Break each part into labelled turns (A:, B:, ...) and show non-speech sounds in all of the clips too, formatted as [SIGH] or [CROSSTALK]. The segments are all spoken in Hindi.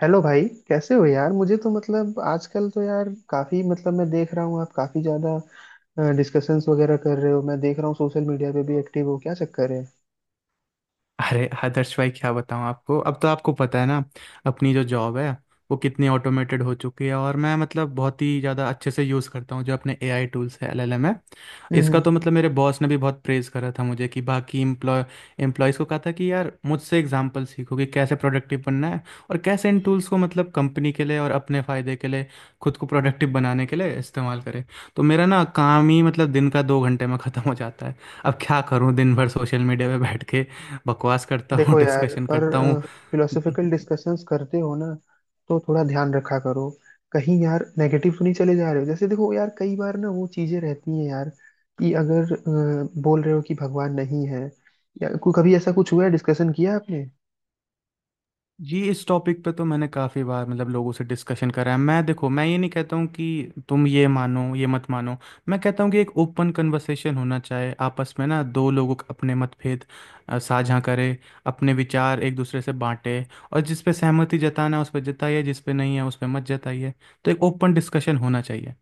A: हेलो भाई। कैसे हो यार? मुझे तो मतलब आजकल तो यार काफी मतलब मैं देख रहा हूँ आप काफी ज्यादा डिस्कशंस वगैरह कर रहे हो। मैं देख रहा हूँ सोशल मीडिया पे भी एक्टिव हो, क्या चक्कर है?
B: अरे आदर्श भाई, क्या बताऊं आपको। अब तो आपको पता है ना अपनी जो जॉब है वो कितनी ऑटोमेटेड हो चुकी है। और मैं मतलब बहुत ही ज़्यादा अच्छे से यूज़ करता हूँ जो अपने एआई टूल्स है, एलएलएम है।
A: हम्म
B: इसका तो
A: हम्म।
B: मतलब मेरे बॉस ने भी बहुत प्रेज़ करा था मुझे। कि बाकी एम्प्लॉयज़ को कहा था कि यार मुझसे एग्जांपल सीखो कि कैसे प्रोडक्टिव बनना है और कैसे इन टूल्स को मतलब कंपनी के लिए और अपने फ़ायदे के लिए खुद को प्रोडक्टिव बनाने के लिए इस्तेमाल करें। तो मेरा ना काम ही मतलब दिन का दो घंटे में ख़त्म हो जाता है। अब क्या करूँ, दिन भर सोशल मीडिया पे बैठ के बकवास करता हूँ
A: देखो
B: [LAUGHS]
A: यार
B: डिस्कशन
A: पर
B: करता हूँ।
A: फिलोसफिकल डिस्कशंस करते हो ना तो थोड़ा ध्यान रखा करो। कहीं यार नेगेटिव तो नहीं चले जा रहे हो? जैसे देखो यार कई बार ना वो चीजें रहती हैं यार कि अगर बोल रहे हो कि भगवान नहीं है। कभी ऐसा कुछ हुआ है, डिस्कशन किया आपने?
B: जी, इस टॉपिक पे तो मैंने काफ़ी बार मतलब लोगों से डिस्कशन करा है। मैं, देखो मैं ये नहीं कहता हूँ कि तुम ये मानो, ये मत मानो। मैं कहता हूँ कि एक ओपन कन्वर्सेशन होना चाहिए आपस में ना, दो लोगों का। अपने मतभेद साझा करें, अपने विचार एक दूसरे से बांटें। और जिस पे सहमति जताना है उस पर जताइए, जिस पे नहीं है उस पे मत जताइए। तो एक ओपन डिस्कशन होना चाहिए।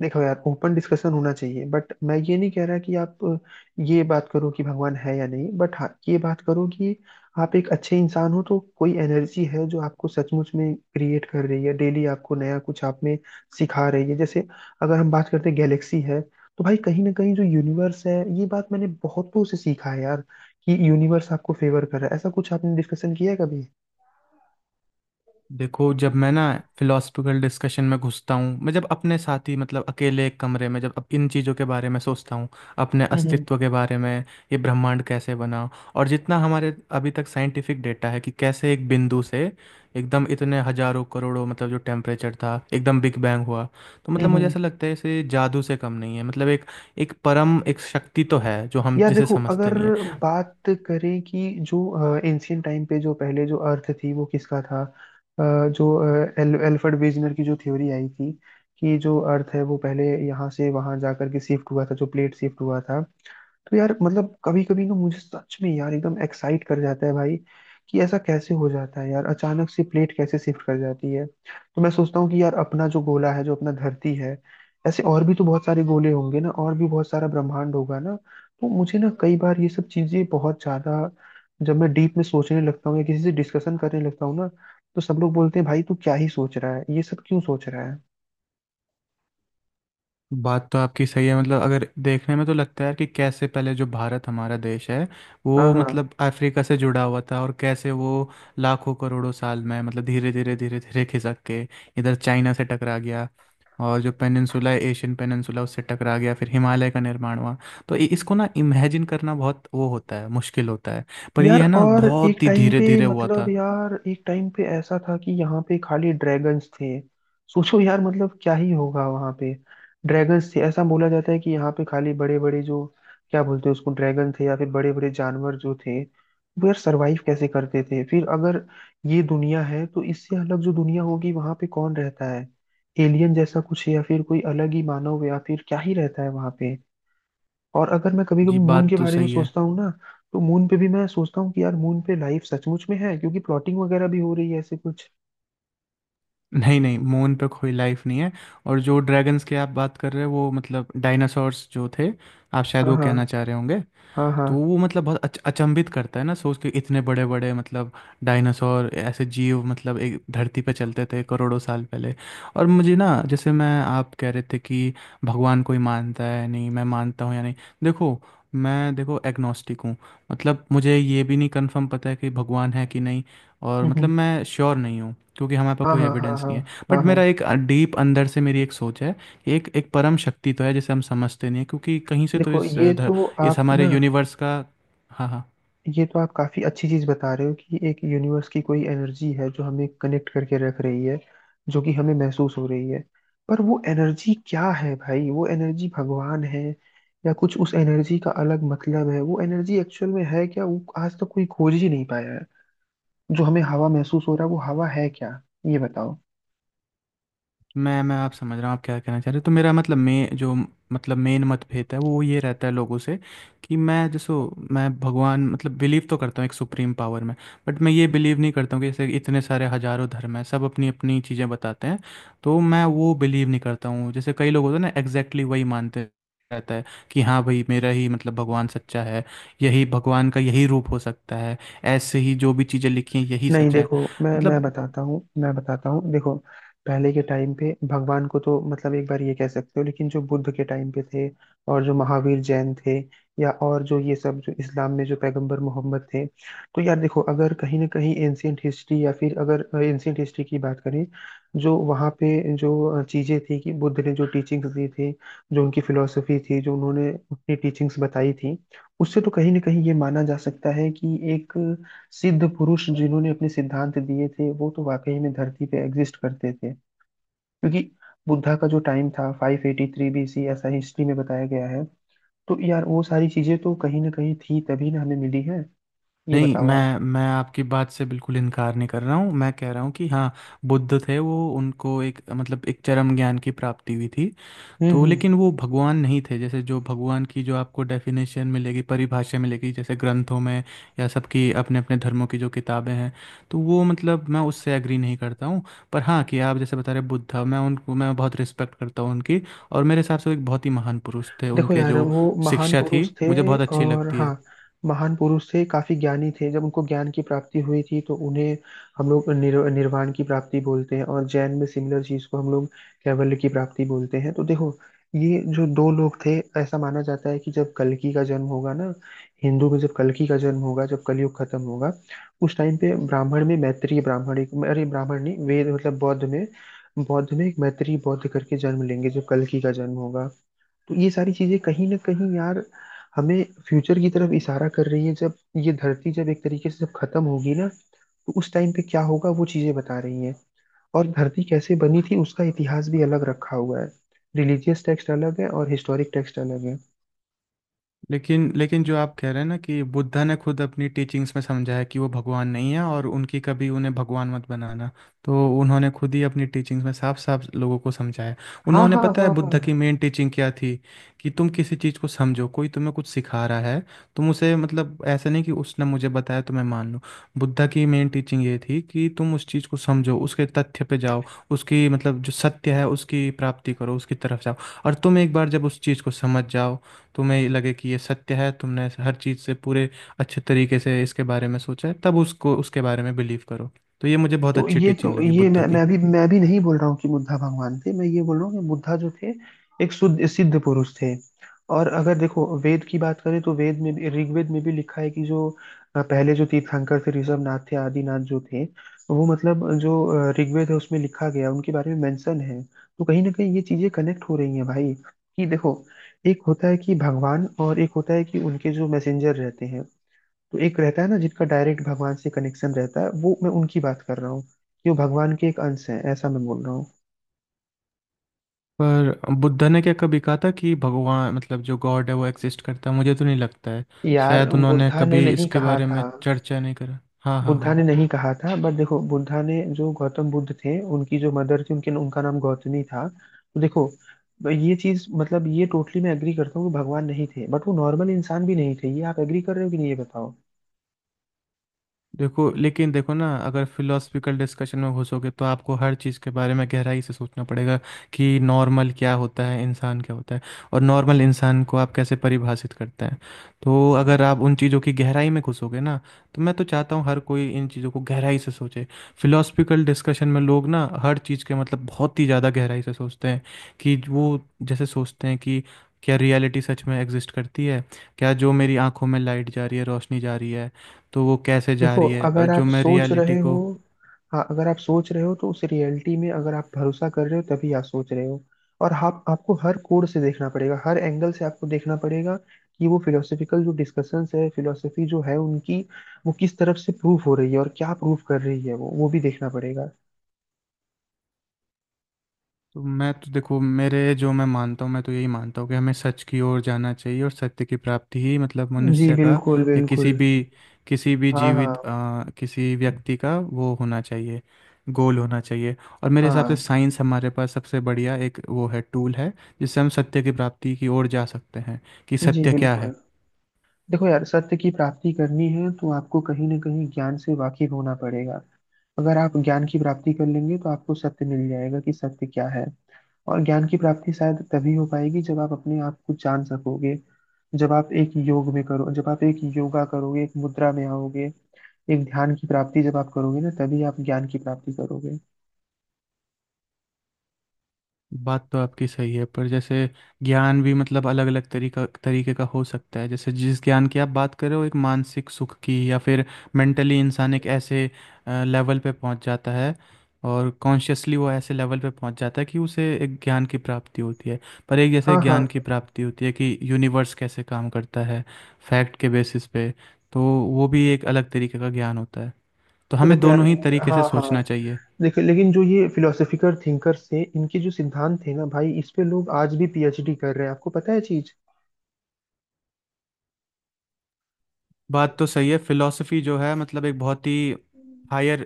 A: देखो यार ओपन डिस्कशन होना चाहिए बट मैं ये नहीं कह रहा कि आप ये बात करो कि भगवान है या नहीं। बट हाँ ये बात करो कि आप एक अच्छे इंसान हो तो कोई एनर्जी है जो आपको सचमुच में क्रिएट कर रही है, डेली आपको नया कुछ आप में सिखा रही है। जैसे अगर हम बात करते हैं गैलेक्सी है तो भाई कहीं ना कहीं जो यूनिवर्स है, ये बात मैंने बहुतों से सीखा है यार कि यूनिवर्स आपको फेवर कर रहा है। ऐसा कुछ आपने डिस्कशन किया है कभी?
B: देखो, जब मैं ना फिलोसफिकल डिस्कशन में घुसता हूँ, मैं जब अपने साथ ही मतलब अकेले एक कमरे में जब अब इन चीज़ों के बारे में सोचता हूँ, अपने
A: हम्म हम्म
B: अस्तित्व के बारे में, ये ब्रह्मांड कैसे बना। और जितना हमारे अभी तक साइंटिफिक डेटा है कि कैसे एक बिंदु से एकदम इतने हजारों करोड़ों मतलब जो टेम्परेचर था, एकदम बिग बैंग हुआ। तो मतलब मुझे
A: हम्म।
B: ऐसा लगता है इसे जादू से कम नहीं है। मतलब एक एक परम एक शक्ति तो है जो हम
A: यार
B: जिसे
A: देखो
B: समझते
A: अगर
B: नहीं है।
A: बात करें कि जो एंशियंट टाइम पे जो पहले जो अर्थ थी वो किसका था, जो एल्फ्रेड वेजनर की जो थ्योरी आई थी कि जो अर्थ है वो पहले यहाँ से वहाँ जा करके शिफ्ट हुआ था, जो प्लेट शिफ्ट हुआ था। तो यार मतलब कभी कभी ना मुझे सच में यार एकदम एक्साइट कर जाता है भाई कि ऐसा कैसे हो जाता है यार, अचानक से प्लेट कैसे शिफ्ट कर जाती है। तो मैं सोचता हूँ कि यार अपना जो गोला है, जो अपना धरती है, ऐसे और भी तो बहुत सारे गोले होंगे ना, और भी बहुत सारा ब्रह्मांड होगा ना। तो मुझे ना कई बार ये सब चीजें बहुत ज्यादा, जब मैं डीप में सोचने लगता हूँ या किसी से डिस्कशन करने लगता हूँ ना, तो सब लोग बोलते हैं भाई तू क्या ही सोच रहा है, ये सब क्यों सोच रहा है।
B: बात तो आपकी सही है। मतलब अगर देखने में तो लगता है यार कि कैसे पहले जो भारत हमारा देश है
A: हाँ
B: वो
A: हाँ।
B: मतलब अफ्रीका से जुड़ा हुआ था। और कैसे वो लाखों करोड़ों साल में मतलब धीरे धीरे धीरे धीरे खिसक के इधर चाइना से टकरा गया। और जो पेनिनसुला है, एशियन पेनिनसुला, उससे टकरा गया, फिर हिमालय का निर्माण हुआ। तो इसको ना इमेजिन करना बहुत वो होता है, मुश्किल होता है। पर
A: यार
B: ये है ना,
A: और एक
B: बहुत ही
A: टाइम
B: धीरे
A: पे
B: धीरे हुआ
A: मतलब
B: था।
A: यार एक टाइम पे ऐसा था कि यहाँ पे खाली ड्रैगन्स थे। सोचो यार मतलब क्या ही होगा वहाँ पे। ड्रैगन्स थे, ऐसा बोला जाता है कि यहाँ पे खाली बड़े बड़े जो क्या बोलते हैं उसको, ड्रैगन थे, या फिर बड़े बड़े जानवर जो थे वो यार सरवाइव कैसे करते थे? फिर अगर ये दुनिया है तो इससे अलग जो दुनिया होगी वहाँ पे कौन रहता है? एलियन जैसा कुछ है या फिर कोई अलग ही मानव या फिर क्या ही रहता है वहाँ पे? और अगर मैं कभी कभी
B: जी,
A: मून
B: बात
A: के
B: तो
A: बारे में
B: सही है।
A: सोचता हूँ ना, तो मून पे भी मैं सोचता हूँ कि यार मून पे लाइफ सचमुच में है, क्योंकि प्लॉटिंग वगैरह भी हो रही है ऐसे कुछ।
B: नहीं नहीं, मून पे कोई लाइफ नहीं है। और जो ड्रैगन्स की आप बात कर रहे हो वो मतलब डायनासोर्स जो थे, आप शायद
A: हाँ
B: वो कहना
A: हाँ
B: चाह रहे होंगे।
A: हाँ हाँ।
B: तो वो मतलब बहुत अचंभित करता है ना सोच के, इतने बड़े बड़े मतलब डायनासोर, ऐसे जीव मतलब एक धरती पे चलते थे करोड़ों साल पहले। और मुझे ना, जैसे मैं आप कह रहे थे कि भगवान कोई मानता है, नहीं मैं मानता हूँ या नहीं। देखो, मैं देखो एग्नोस्टिक हूँ। मतलब मुझे ये भी नहीं कंफर्म पता है कि भगवान है कि नहीं। और मतलब
A: हम्म।
B: मैं श्योर नहीं हूँ क्योंकि हमारे पास
A: हाँ
B: कोई
A: हाँ हाँ
B: एविडेंस
A: हाँ
B: नहीं है। बट
A: हाँ
B: मेरा
A: हाँ।
B: एक, डीप अंदर से मेरी एक सोच है। एक, एक परम शक्ति तो है जिसे हम समझते नहीं है, क्योंकि कहीं से तो
A: देखो
B: इस
A: ये तो
B: इस
A: आप
B: हमारे
A: ना,
B: यूनिवर्स का। हाँ हाँ।
A: ये तो आप काफी अच्छी चीज बता रहे हो कि एक यूनिवर्स की कोई एनर्जी है जो हमें कनेक्ट करके रख रही है, जो कि हमें महसूस हो रही है। पर वो एनर्जी क्या है भाई? वो एनर्जी भगवान है या कुछ उस एनर्जी का अलग मतलब है? वो एनर्जी एक्चुअल में है क्या, वो आज तक कोई खोज ही नहीं पाया है। जो हमें हवा महसूस हो रहा है, वो हवा है क्या, ये बताओ।
B: मैं आप समझ रहा हूँ आप क्या कहना चाह रहे हो। तो मेरा मतलब, मैं जो मतलब मेन मतभेद है वो ये रहता है लोगों से, कि मैं जैसे मैं भगवान मतलब बिलीव तो करता हूँ एक सुप्रीम पावर में। बट मैं ये बिलीव नहीं करता हूँ कि जैसे इतने सारे हजारों धर्म हैं, सब अपनी अपनी चीज़ें बताते हैं, तो मैं वो बिलीव नहीं करता हूँ। जैसे कई लोग होते हैं ना, एग्जैक्टली वही मानते रहता है कि हाँ भाई, मेरा ही मतलब भगवान सच्चा है, यही भगवान का यही रूप हो सकता है, ऐसे ही जो भी चीज़ें लिखी हैं यही
A: नहीं
B: सच है।
A: देखो, मैं
B: मतलब
A: बताता हूँ मैं बताता हूँ, देखो पहले के टाइम पे भगवान को तो मतलब एक बार ये कह सकते हो, लेकिन जो बुद्ध के टाइम पे थे, और जो महावीर जैन थे, या और जो ये सब जो इस्लाम में जो पैगंबर मोहम्मद थे, तो यार देखो अगर कहीं ना कहीं एंशियंट हिस्ट्री या फिर अगर एंशियंट हिस्ट्री की बात करें, जो वहाँ पे जो चीज़ें थी कि बुद्ध ने जो टीचिंग्स दी थी, जो उनकी फिलोसफी थी, जो उन्होंने अपनी टीचिंग्स बताई थी, उससे तो कहीं ना कहीं ये माना जा सकता है कि एक सिद्ध पुरुष जिन्होंने अपने सिद्धांत दिए थे वो तो वाकई में धरती पे एग्जिस्ट करते थे। क्योंकि बुद्धा का जो टाइम था 583 BC, ऐसा हिस्ट्री में बताया गया है। तो यार वो सारी चीजें तो कहीं ना कहीं थी तभी ना हमें मिली है, ये
B: नहीं,
A: बताओ आप।
B: मैं आपकी बात से बिल्कुल इनकार नहीं कर रहा हूँ। मैं कह रहा हूँ कि हाँ, बुद्ध थे, वो उनको एक मतलब एक चरम ज्ञान की प्राप्ति हुई थी। तो
A: हम्म।
B: लेकिन वो भगवान नहीं थे। जैसे जो भगवान की जो आपको डेफिनेशन मिलेगी, परिभाषा मिलेगी जैसे ग्रंथों में या सबकी अपने अपने धर्मों की जो किताबें हैं, तो वो मतलब मैं उससे एग्री नहीं करता हूँ। पर हाँ, कि आप जैसे बता रहे बुद्ध, मैं उनको मैं बहुत रिस्पेक्ट करता हूँ उनकी। और मेरे हिसाब से वो एक बहुत ही महान पुरुष थे,
A: देखो
B: उनके
A: यार
B: जो
A: वो महान
B: शिक्षा थी
A: पुरुष थे,
B: मुझे बहुत अच्छी
A: और
B: लगती है।
A: हाँ महान पुरुष थे, काफी ज्ञानी थे। जब उनको ज्ञान की प्राप्ति हुई थी तो उन्हें हम लोग निर्वाण की प्राप्ति बोलते हैं, और जैन में सिमिलर चीज को हम लोग कैवल्य की प्राप्ति बोलते हैं। तो देखो ये जो दो लोग थे, ऐसा माना जाता है कि जब कल्कि का जन्म होगा ना, हिंदू में जब कल्कि का जन्म होगा, जब कलयुग खत्म होगा, उस टाइम पे ब्राह्मण में मैत्रेय ब्राह्मण एक अरे ब्राह्मण नहीं वेद मतलब बौद्ध में, बौद्ध में एक मैत्रेय बौद्ध करके जन्म लेंगे जब कल्कि का जन्म होगा। तो ये सारी चीजें कहीं ना कहीं यार हमें फ्यूचर की तरफ इशारा कर रही है, जब ये धरती जब एक तरीके से जब खत्म होगी ना तो उस टाइम पे क्या होगा वो चीजें बता रही हैं। और धरती कैसे बनी थी उसका इतिहास भी अलग रखा हुआ है, रिलीजियस टेक्स्ट अलग है और हिस्टोरिक टेक्स्ट अलग है।
B: लेकिन लेकिन जो आप कह रहे हैं ना कि बुद्धा ने खुद अपनी टीचिंग्स में समझा है कि वो भगवान नहीं है, और उनकी कभी उन्हें भगवान मत बनाना, तो उन्होंने खुद ही अपनी टीचिंग्स में साफ साफ लोगों को समझाया है।
A: हाँ
B: उन्होंने,
A: हाँ
B: पता है
A: हाँ
B: बुद्ध की
A: हाँ।
B: मेन टीचिंग क्या थी? कि तुम किसी चीज़ को समझो, कोई तुम्हें कुछ सिखा रहा है, तुम उसे मतलब ऐसा नहीं कि उसने मुझे बताया तो मैं मान लूँ। बुद्ध की मेन टीचिंग ये थी कि तुम उस चीज़ को समझो, उसके तथ्य पे जाओ, उसकी मतलब जो सत्य है उसकी प्राप्ति करो, उसकी तरफ जाओ। और तुम एक बार जब उस चीज़ को समझ जाओ, तुम्हें लगे कि ये सत्य है, तुमने हर चीज़ से पूरे अच्छे तरीके से इसके बारे में सोचा है, तब उसको, उसके बारे में बिलीव करो। तो ये मुझे बहुत अच्छी टीचिंग
A: तो
B: लगी
A: ये
B: बुद्ध की।
A: मैं अभी नहीं बोल रहा हूँ कि बुद्धा भगवान थे, मैं ये बोल रहा हूँ कि बुद्धा जो थे एक शुद्ध सिद्ध पुरुष थे। और अगर देखो वेद की बात करें तो वेद में भी ऋग्वेद में भी लिखा है कि जो पहले जो तीर्थंकर थे, ऋषभनाथ थे, आदिनाथ जो थे, वो मतलब जो ऋग्वेद है उसमें लिखा गया है, उनके बारे में मेंशन है। तो कहीं ना कहीं ये चीजें कनेक्ट हो रही हैं भाई, कि देखो एक होता है कि भगवान और एक होता है कि उनके जो मैसेंजर रहते हैं। तो एक रहता है ना जिनका डायरेक्ट भगवान से कनेक्शन रहता है, वो मैं उनकी बात कर रहा हूँ कि वो भगवान के एक अंश है, ऐसा मैं बोल रहा हूँ।
B: पर बुद्ध ने क्या कभी कहा था कि भगवान मतलब जो गॉड है वो एग्जिस्ट करता है? मुझे तो नहीं लगता है,
A: यार
B: शायद उन्होंने
A: बुद्धा ने
B: कभी
A: नहीं
B: इसके
A: कहा
B: बारे में
A: था।
B: चर्चा नहीं करा। हाँ हाँ
A: बुद्धा
B: हाँ।
A: ने नहीं कहा था बट देखो बुद्धा ने जो गौतम बुद्ध थे उनकी जो मदर थी उनके उनका नाम गौतमी था। तो देखो ये चीज मतलब ये टोटली मैं एग्री करता हूँ कि भगवान नहीं थे, बट वो नॉर्मल इंसान भी नहीं थे, ये आप एग्री कर रहे हो कि नहीं ये बताओ।
B: देखो लेकिन, देखो ना, अगर फिलोसफिकल डिस्कशन में घुसोगे तो आपको हर चीज़ के बारे में गहराई से सोचना पड़ेगा। कि नॉर्मल क्या होता है, इंसान क्या होता है, और नॉर्मल इंसान को आप कैसे परिभाषित करते हैं। तो अगर आप उन चीज़ों की गहराई में घुसोगे ना, तो मैं तो चाहता हूँ हर कोई इन चीज़ों को गहराई से सोचे। फिलोसफिकल डिस्कशन में लोग ना हर चीज़ के मतलब बहुत ही ज़्यादा गहराई से सोचते हैं। कि वो, जैसे सोचते हैं कि क्या रियलिटी सच में एग्जिस्ट करती है, क्या जो मेरी आंखों में लाइट जा रही है, रोशनी जा रही है, तो वो कैसे जा
A: देखो
B: रही है, और
A: अगर
B: जो
A: आप
B: मैं
A: सोच
B: रियलिटी
A: रहे हो,
B: को।
A: हाँ अगर आप सोच रहे हो तो उस रियलिटी में अगर आप भरोसा कर रहे हो तभी आप सोच रहे हो। और आप आपको हर कोण से देखना पड़ेगा, हर एंगल से आपको देखना पड़ेगा कि वो फिलोसफिकल जो डिस्कशंस है, फिलोसफी जो है उनकी, वो किस तरफ से प्रूफ हो रही है और क्या प्रूफ कर रही है, वो भी देखना पड़ेगा।
B: तो मैं तो देखो, मेरे जो मैं मानता हूँ, मैं तो यही मानता हूँ कि हमें सच की ओर जाना चाहिए और सत्य की प्राप्ति ही मतलब
A: जी
B: मनुष्य का,
A: बिल्कुल
B: या किसी
A: बिल्कुल।
B: भी, किसी भी
A: हाँ
B: जीवित
A: हाँ
B: किसी व्यक्ति का वो होना चाहिए, गोल होना चाहिए। और मेरे हिसाब से
A: हाँ।
B: साइंस हमारे पास सबसे बढ़िया एक वो है, टूल है जिससे हम सत्य की प्राप्ति की ओर जा सकते हैं, कि
A: जी
B: सत्य क्या
A: बिल्कुल।
B: है।
A: देखो यार सत्य की प्राप्ति करनी है तो आपको कहीं ना कहीं ज्ञान से वाकिफ होना पड़ेगा। अगर आप ज्ञान की प्राप्ति कर लेंगे तो आपको सत्य मिल जाएगा कि सत्य क्या है। और ज्ञान की प्राप्ति शायद तभी हो पाएगी जब आप अपने आप को जान सकोगे, जब आप एक योग में करो, जब आप एक योगा करोगे, एक मुद्रा में आओगे, एक ध्यान की प्राप्ति जब आप करोगे ना, तभी आप ज्ञान की प्राप्ति करोगे।
B: बात तो आपकी सही है, पर जैसे ज्ञान भी मतलब अलग अलग तरीका, तरीके का हो सकता है। जैसे जिस ज्ञान की आप बात कर रहे हो, एक मानसिक सुख की, या फिर मेंटली इंसान एक ऐसे लेवल पे पहुंच जाता है, और कॉन्शियसली वो ऐसे लेवल पे पहुंच जाता है कि उसे एक ज्ञान की प्राप्ति होती है। पर एक जैसे
A: हाँ हाँ।
B: ज्ञान की प्राप्ति होती है कि यूनिवर्स कैसे काम करता है, फैक्ट के बेसिस पे, तो वो भी एक अलग तरीके का ज्ञान होता है। तो
A: तो
B: हमें
A: देखो यार,
B: दोनों ही तरीके से
A: हाँ हाँ,
B: सोचना चाहिए।
A: देखो लेकिन जो ये फिलोसफिकल थिंकर्स थे, इनके जो सिद्धांत थे ना भाई, इस पे लोग आज भी पीएचडी कर रहे हैं, आपको पता है चीज।
B: बात तो सही है, फिलॉसफी जो है मतलब एक बहुत ही हायर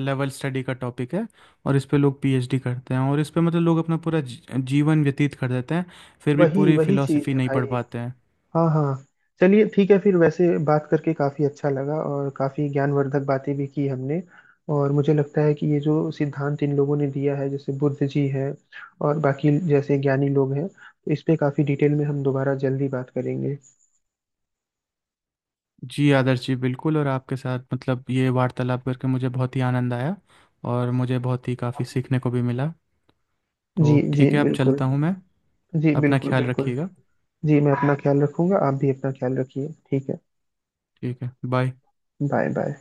B: लेवल स्टडी का टॉपिक है। और इस पे लोग पीएचडी करते हैं, और इस पे मतलब लोग अपना पूरा जीवन व्यतीत कर देते हैं, फिर भी
A: वही
B: पूरी
A: वही चीज
B: फिलॉसफी
A: है
B: नहीं पढ़
A: भाई।
B: पाते हैं।
A: हाँ हाँ। चलिए ठीक है फिर, वैसे बात करके काफ़ी अच्छा लगा और काफ़ी ज्ञानवर्धक बातें भी की हमने। और मुझे लगता है कि ये जो सिद्धांत इन लोगों ने दिया है, जैसे बुद्ध जी हैं और बाकी जैसे ज्ञानी लोग हैं, तो इस पे काफ़ी डिटेल में हम दोबारा जल्दी बात करेंगे।
B: जी आदर्श जी, बिल्कुल। और आपके साथ मतलब ये वार्तालाप करके मुझे बहुत ही आनंद आया, और मुझे बहुत ही काफ़ी सीखने को भी मिला। तो
A: जी जी
B: ठीक है, अब
A: बिल्कुल।
B: चलता हूँ मैं।
A: जी
B: अपना
A: बिल्कुल
B: ख्याल
A: बिल्कुल।
B: रखिएगा।
A: जी मैं अपना ख्याल रखूंगा, आप भी अपना ख्याल रखिए, ठीक है।
B: ठीक है, बाय।
A: Bye bye.